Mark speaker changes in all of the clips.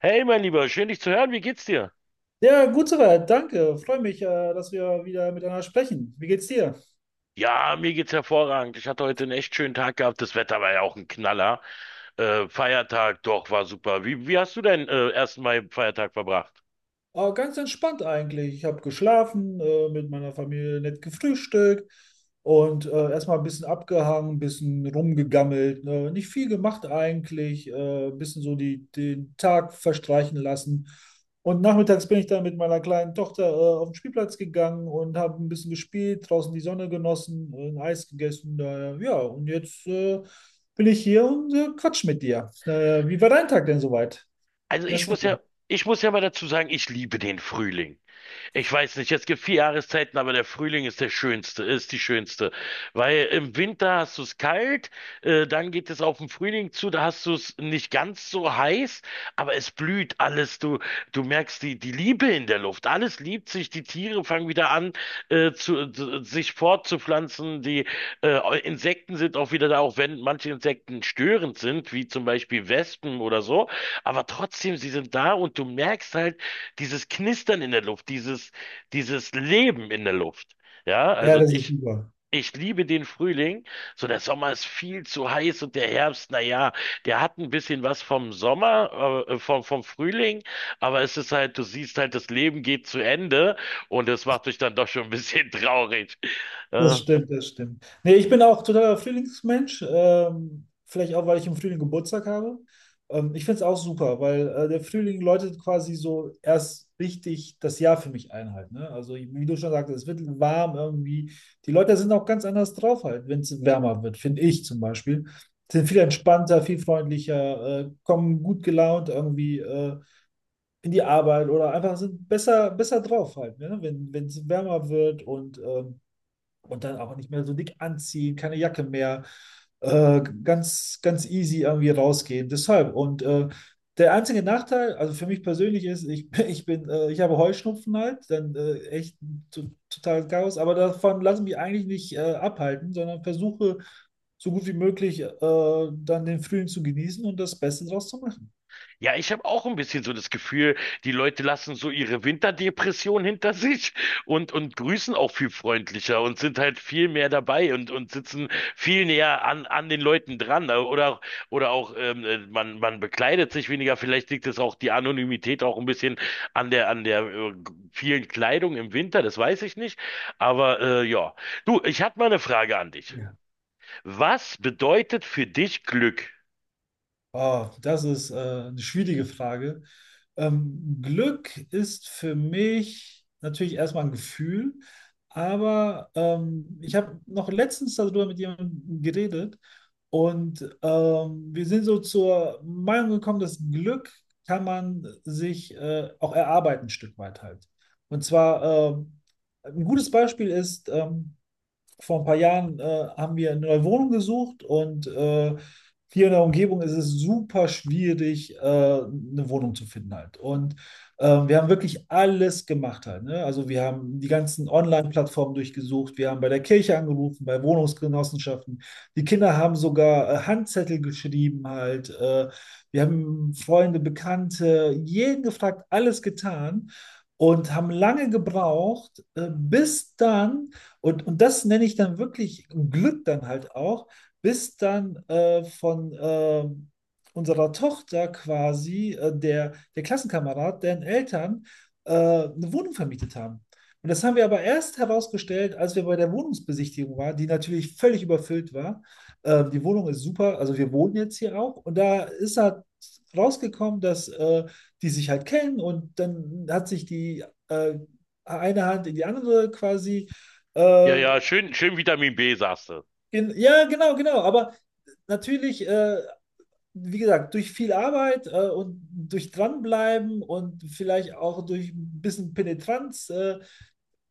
Speaker 1: Hey, mein Lieber, schön dich zu hören. Wie geht's dir?
Speaker 2: Ja, gut soweit, danke. Freue mich, dass wir wieder miteinander sprechen. Wie geht's dir?
Speaker 1: Ja, mir geht's hervorragend. Ich hatte heute einen echt schönen Tag gehabt. Das Wetter war ja auch ein Knaller. Feiertag, doch, war super. Wie hast du deinen ersten Mai-Feiertag verbracht?
Speaker 2: Aber ganz entspannt eigentlich. Ich habe geschlafen, mit meiner Familie nett gefrühstückt und erstmal ein bisschen abgehangen, ein bisschen rumgegammelt, ne? Nicht viel gemacht eigentlich, ein bisschen so den Tag verstreichen lassen. Und nachmittags bin ich dann mit meiner kleinen Tochter auf den Spielplatz gegangen und habe ein bisschen gespielt, draußen die Sonne genossen, ein Eis gegessen. Daher, ja, und jetzt bin ich hier und quatsch mit dir. Wie war dein Tag denn soweit?
Speaker 1: Also ich
Speaker 2: Jasmin.
Speaker 1: muss ja, ich muss ja mal dazu sagen, ich liebe den Frühling. Ich weiß nicht, es gibt vier Jahreszeiten, aber der Frühling ist ist die schönste. Weil im Winter hast du es kalt, dann geht es auf den Frühling zu, da hast du es nicht ganz so heiß, aber es blüht alles. Du merkst die Liebe in der Luft. Alles liebt sich, die Tiere fangen wieder an, sich fortzupflanzen. Die Insekten sind auch wieder da, auch wenn manche Insekten störend sind, wie zum Beispiel Wespen oder so. Aber trotzdem, sie sind da und du merkst halt, dieses Knistern in der Luft, dieses Leben in der Luft. Ja,
Speaker 2: Ja,
Speaker 1: also
Speaker 2: das ist
Speaker 1: ich,
Speaker 2: super.
Speaker 1: ich liebe den Frühling. So, der Sommer ist viel zu heiß und der Herbst, na ja, der hat ein bisschen was vom Sommer, vom Frühling, aber es ist halt, du siehst halt, das Leben geht zu Ende und das macht dich dann doch schon ein bisschen traurig.
Speaker 2: Das
Speaker 1: Äh,
Speaker 2: stimmt, das stimmt. Nee, ich bin auch totaler Frühlingsmensch. Vielleicht auch, weil ich im Frühling Geburtstag habe. Ich finde es auch super, weil der Frühling läutet quasi so erst richtig das Jahr für mich ein halt, ne? Also wie du schon sagtest, es wird warm irgendwie. Die Leute sind auch ganz anders drauf halt, wenn es wärmer wird, finde ich zum Beispiel. Sind viel entspannter, viel freundlicher, kommen gut gelaunt irgendwie in die Arbeit oder einfach sind besser drauf halt, ne? Wenn es wärmer wird und dann auch nicht mehr so dick anziehen, keine Jacke mehr, ganz easy irgendwie rausgehen. Deshalb. Und der einzige Nachteil, also für mich persönlich ist, ich, ich bin, ich habe Heuschnupfen halt, dann echt total Chaos, aber davon lasse ich mich eigentlich nicht abhalten, sondern versuche so gut wie möglich dann den Frühling zu genießen und das Beste draus zu machen.
Speaker 1: Ja, ich habe auch ein bisschen so das Gefühl, die Leute lassen so ihre Winterdepression hinter sich und grüßen auch viel freundlicher und sind halt viel mehr dabei und sitzen viel näher an den Leuten dran. Oder auch man bekleidet sich weniger. Vielleicht liegt es auch die Anonymität auch ein bisschen an der vielen Kleidung im Winter, das weiß ich nicht. Ja, du, ich hatte mal eine Frage an dich. Was bedeutet für dich Glück?
Speaker 2: Oh, das ist eine schwierige Frage. Glück ist für mich natürlich erstmal ein Gefühl, aber ich habe noch letztens darüber mit jemandem geredet und wir sind so zur Meinung gekommen, dass Glück kann man sich auch erarbeiten, ein Stück weit halt. Und zwar ein gutes Beispiel ist, vor ein paar Jahren haben wir eine neue Wohnung gesucht und hier in der Umgebung ist es super schwierig, eine Wohnung zu finden halt. Und wir haben wirklich alles gemacht halt, ne? Also wir haben die ganzen Online-Plattformen durchgesucht, wir haben bei der Kirche angerufen, bei Wohnungsgenossenschaften. Die Kinder haben sogar Handzettel geschrieben halt. Wir haben Freunde, Bekannte, jeden gefragt, alles getan und haben lange gebraucht, und das nenne ich dann wirklich Glück dann halt auch, bis dann von unserer Tochter quasi der Klassenkamerad, deren Eltern eine Wohnung vermietet haben. Und das haben wir aber erst herausgestellt, als wir bei der Wohnungsbesichtigung waren, die natürlich völlig überfüllt war. Die Wohnung ist super, also wir wohnen jetzt hier auch. Und da ist halt rausgekommen, dass die sich halt kennen und dann hat sich die äh, eine Hand in die andere quasi
Speaker 1: Ja,
Speaker 2: äh,
Speaker 1: ja, schön, schön Vitamin B, sagst du.
Speaker 2: gen ja, genau, genau. Aber natürlich, wie gesagt, durch viel Arbeit und durch Dranbleiben und vielleicht auch durch ein bisschen Penetranz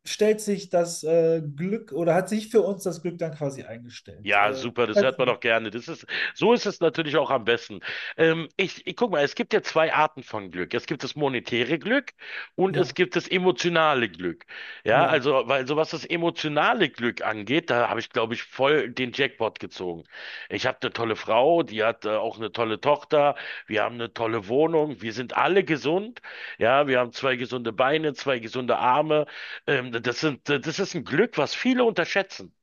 Speaker 2: stellt sich das Glück oder hat sich für uns das Glück dann quasi eingestellt.
Speaker 1: Ja, super, das hört
Speaker 2: Weiß
Speaker 1: man
Speaker 2: nicht.
Speaker 1: doch gerne. So ist es natürlich auch am besten. Ich guck mal, es gibt ja zwei Arten von Glück. Es gibt das monetäre Glück und es
Speaker 2: Ja,
Speaker 1: gibt das emotionale Glück. Ja,
Speaker 2: ja,
Speaker 1: also, weil so was das emotionale Glück angeht, da habe ich, glaube ich, voll den Jackpot gezogen. Ich habe eine tolle Frau, die hat auch eine tolle Tochter, wir haben eine tolle Wohnung, wir sind alle gesund. Ja, wir haben zwei gesunde Beine, zwei gesunde Arme. Das ist ein Glück, was viele unterschätzen.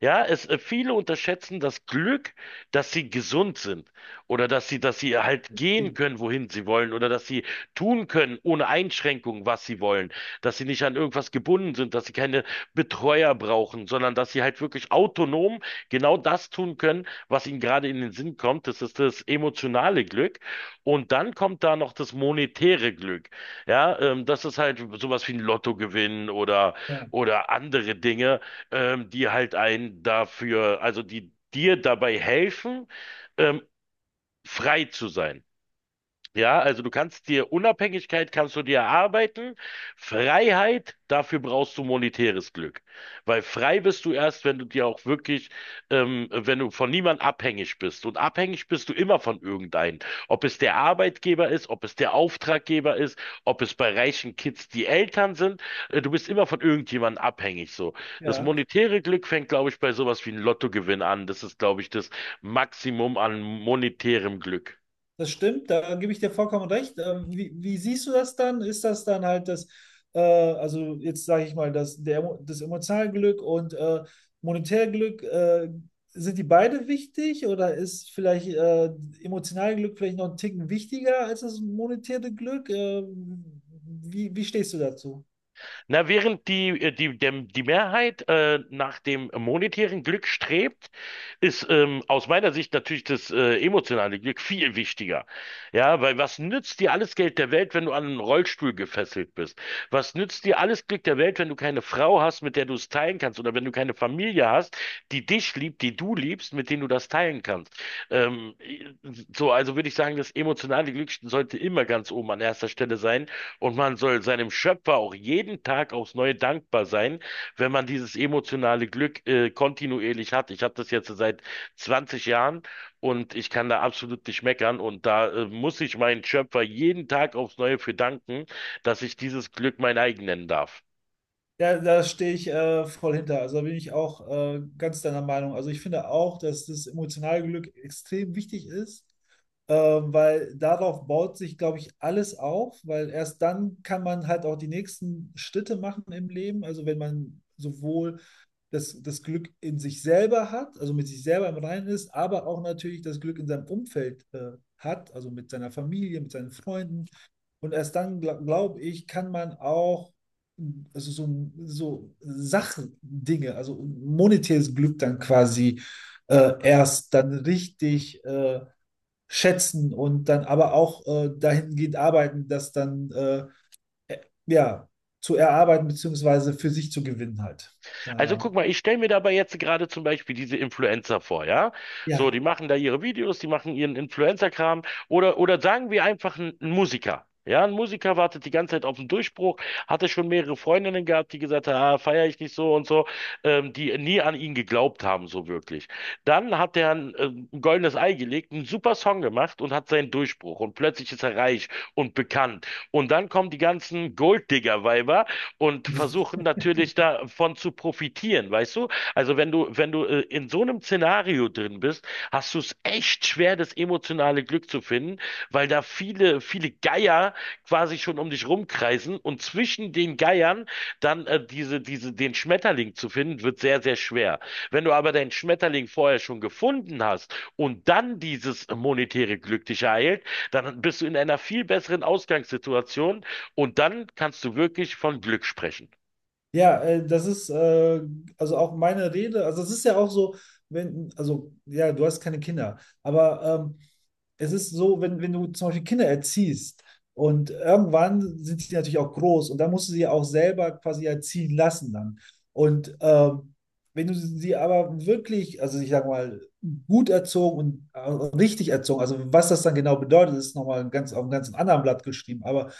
Speaker 1: Viele unterschätzen das Glück, dass sie gesund sind oder dass sie halt gehen
Speaker 2: Ding.
Speaker 1: können, wohin sie wollen oder dass sie tun können, ohne Einschränkung, was sie wollen, dass sie nicht an irgendwas gebunden sind, dass sie keine Betreuer brauchen, sondern dass sie halt wirklich autonom genau das tun können, was ihnen gerade in den Sinn kommt. Das ist das emotionale Glück. Und dann kommt da noch das monetäre Glück. Ja, das ist halt sowas wie ein Lottogewinn
Speaker 2: Ja,
Speaker 1: oder andere Dinge die halt einen dafür, also die dir dabei helfen, ähm, frei zu sein. Ja, also du kannst dir Unabhängigkeit kannst du dir erarbeiten, Freiheit, dafür brauchst du monetäres Glück. Weil frei bist du erst, wenn du dir auch wirklich, wenn du von niemand abhängig bist. Und abhängig bist du immer von irgendeinem. Ob es der Arbeitgeber ist, ob es der Auftraggeber ist, ob es bei reichen Kids die Eltern sind, du bist immer von irgendjemandem abhängig. So. Das
Speaker 2: ja.
Speaker 1: monetäre Glück fängt, glaube ich, bei sowas wie einem Lottogewinn an. Das ist, glaube ich, das Maximum an monetärem Glück.
Speaker 2: Das stimmt, da gebe ich dir vollkommen recht. Wie, wie siehst du das dann? Ist das dann halt das, also jetzt sage ich mal, das emotionale Glück und monetäre Glück, sind die beide wichtig oder ist vielleicht emotionale Glück vielleicht noch einen Ticken wichtiger als das monetäre Glück? Wie stehst du dazu?
Speaker 1: Na, während die Mehrheit nach dem monetären Glück strebt, ist aus meiner Sicht natürlich das emotionale Glück viel wichtiger. Ja, weil was nützt dir alles Geld der Welt, wenn du an einen Rollstuhl gefesselt bist? Was nützt dir alles Glück der Welt, wenn du keine Frau hast, mit der du es teilen kannst? Oder wenn du keine Familie hast, die dich liebt, die du liebst, mit denen du das teilen kannst? Ähm, also würde ich sagen, das emotionale Glück sollte immer ganz oben an erster Stelle sein und man soll seinem Schöpfer auch jeden Tag aufs Neue dankbar sein, wenn man dieses emotionale Glück kontinuierlich hat. Ich habe das jetzt seit 20 Jahren und ich kann da absolut nicht meckern. Und da muss ich meinen Schöpfer jeden Tag aufs Neue für danken, dass ich dieses Glück mein eigen nennen darf.
Speaker 2: Ja, da stehe ich voll hinter. Also da bin ich auch ganz deiner Meinung. Also ich finde auch, dass das emotionale Glück extrem wichtig ist, weil darauf baut sich, glaube ich, alles auf, weil erst dann kann man halt auch die nächsten Schritte machen im Leben. Also wenn man sowohl das Glück in sich selber hat, also mit sich selber im Reinen ist, aber auch natürlich das Glück in seinem Umfeld hat, also mit seiner Familie, mit seinen Freunden. Und erst dann, glaube ich, kann man auch also so Sachdinge, also monetäres Glück dann quasi erst dann richtig schätzen und dann aber auch dahingehend arbeiten, das dann ja, zu erarbeiten beziehungsweise für sich zu gewinnen halt.
Speaker 1: Also
Speaker 2: Daher,
Speaker 1: guck mal, ich stelle mir dabei jetzt gerade zum Beispiel diese Influencer vor, ja? So,
Speaker 2: ja,
Speaker 1: die machen da ihre Videos, die machen ihren Influencer-Kram oder sagen wir einfach ein Musiker. Ja, ein Musiker wartet die ganze Zeit auf den Durchbruch, hatte schon mehrere Freundinnen gehabt, die gesagt haben, ah, feiere ich nicht so und so, die nie an ihn geglaubt haben, so wirklich. Dann hat er ein goldenes Ei gelegt, einen super Song gemacht und hat seinen Durchbruch und plötzlich ist er reich und bekannt. Und dann kommen die ganzen Golddigger-Weiber, und versuchen natürlich davon zu profitieren, weißt du? Also wenn du in so einem Szenario drin bist, hast du es echt schwer, das emotionale Glück zu finden, weil da viele Geier quasi schon um dich rumkreisen und zwischen den Geiern dann den Schmetterling zu finden, wird sehr, sehr schwer. Wenn du aber deinen Schmetterling vorher schon gefunden hast und dann dieses monetäre Glück dich ereilt, dann bist du in einer viel besseren Ausgangssituation, und dann kannst du wirklich von Glück sprechen.
Speaker 2: ja, das ist also auch meine Rede. Also es ist ja auch so, wenn, also ja, du hast keine Kinder, aber es ist so, wenn du zum Beispiel Kinder erziehst und irgendwann sind die natürlich auch groß und dann musst du sie auch selber quasi erziehen lassen dann. Und wenn du sie aber wirklich, also ich sag mal, gut erzogen und richtig erzogen, also was das dann genau bedeutet, ist nochmal ein ganz, auf einem ganz anderen Blatt geschrieben, aber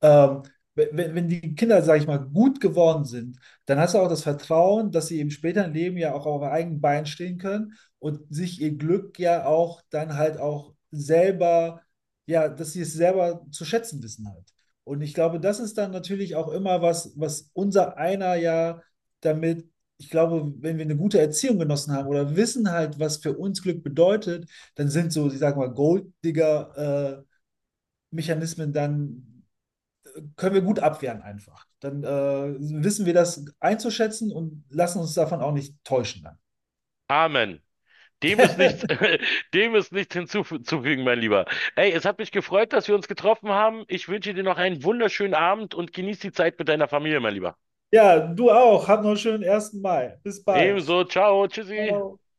Speaker 2: ähm, wenn die Kinder, sage ich mal, gut geworden sind, dann hast du auch das Vertrauen, dass sie eben später im Leben ja auch auf eigenen Beinen stehen können und sich ihr Glück ja auch dann halt auch selber, ja, dass sie es selber zu schätzen wissen halt. Und ich glaube, das ist dann natürlich auch immer was, was unser einer ja damit, ich glaube, wenn wir eine gute Erziehung genossen haben oder wissen halt, was für uns Glück bedeutet, dann sind so, ich sag mal, Golddigger-Mechanismen dann, können wir gut abwehren einfach. Dann wissen wir das einzuschätzen und lassen uns davon auch nicht täuschen
Speaker 1: Amen. Dem ist
Speaker 2: dann.
Speaker 1: nichts, dem ist nichts hinzuzufügen, mein Lieber. Ey, es hat mich gefreut, dass wir uns getroffen haben. Ich wünsche dir noch einen wunderschönen Abend und genieß die Zeit mit deiner Familie, mein Lieber.
Speaker 2: Ja, du auch. Hab noch einen schönen 1. Mai. Bis bald.
Speaker 1: Ebenso, ciao, tschüssi.
Speaker 2: Ciao.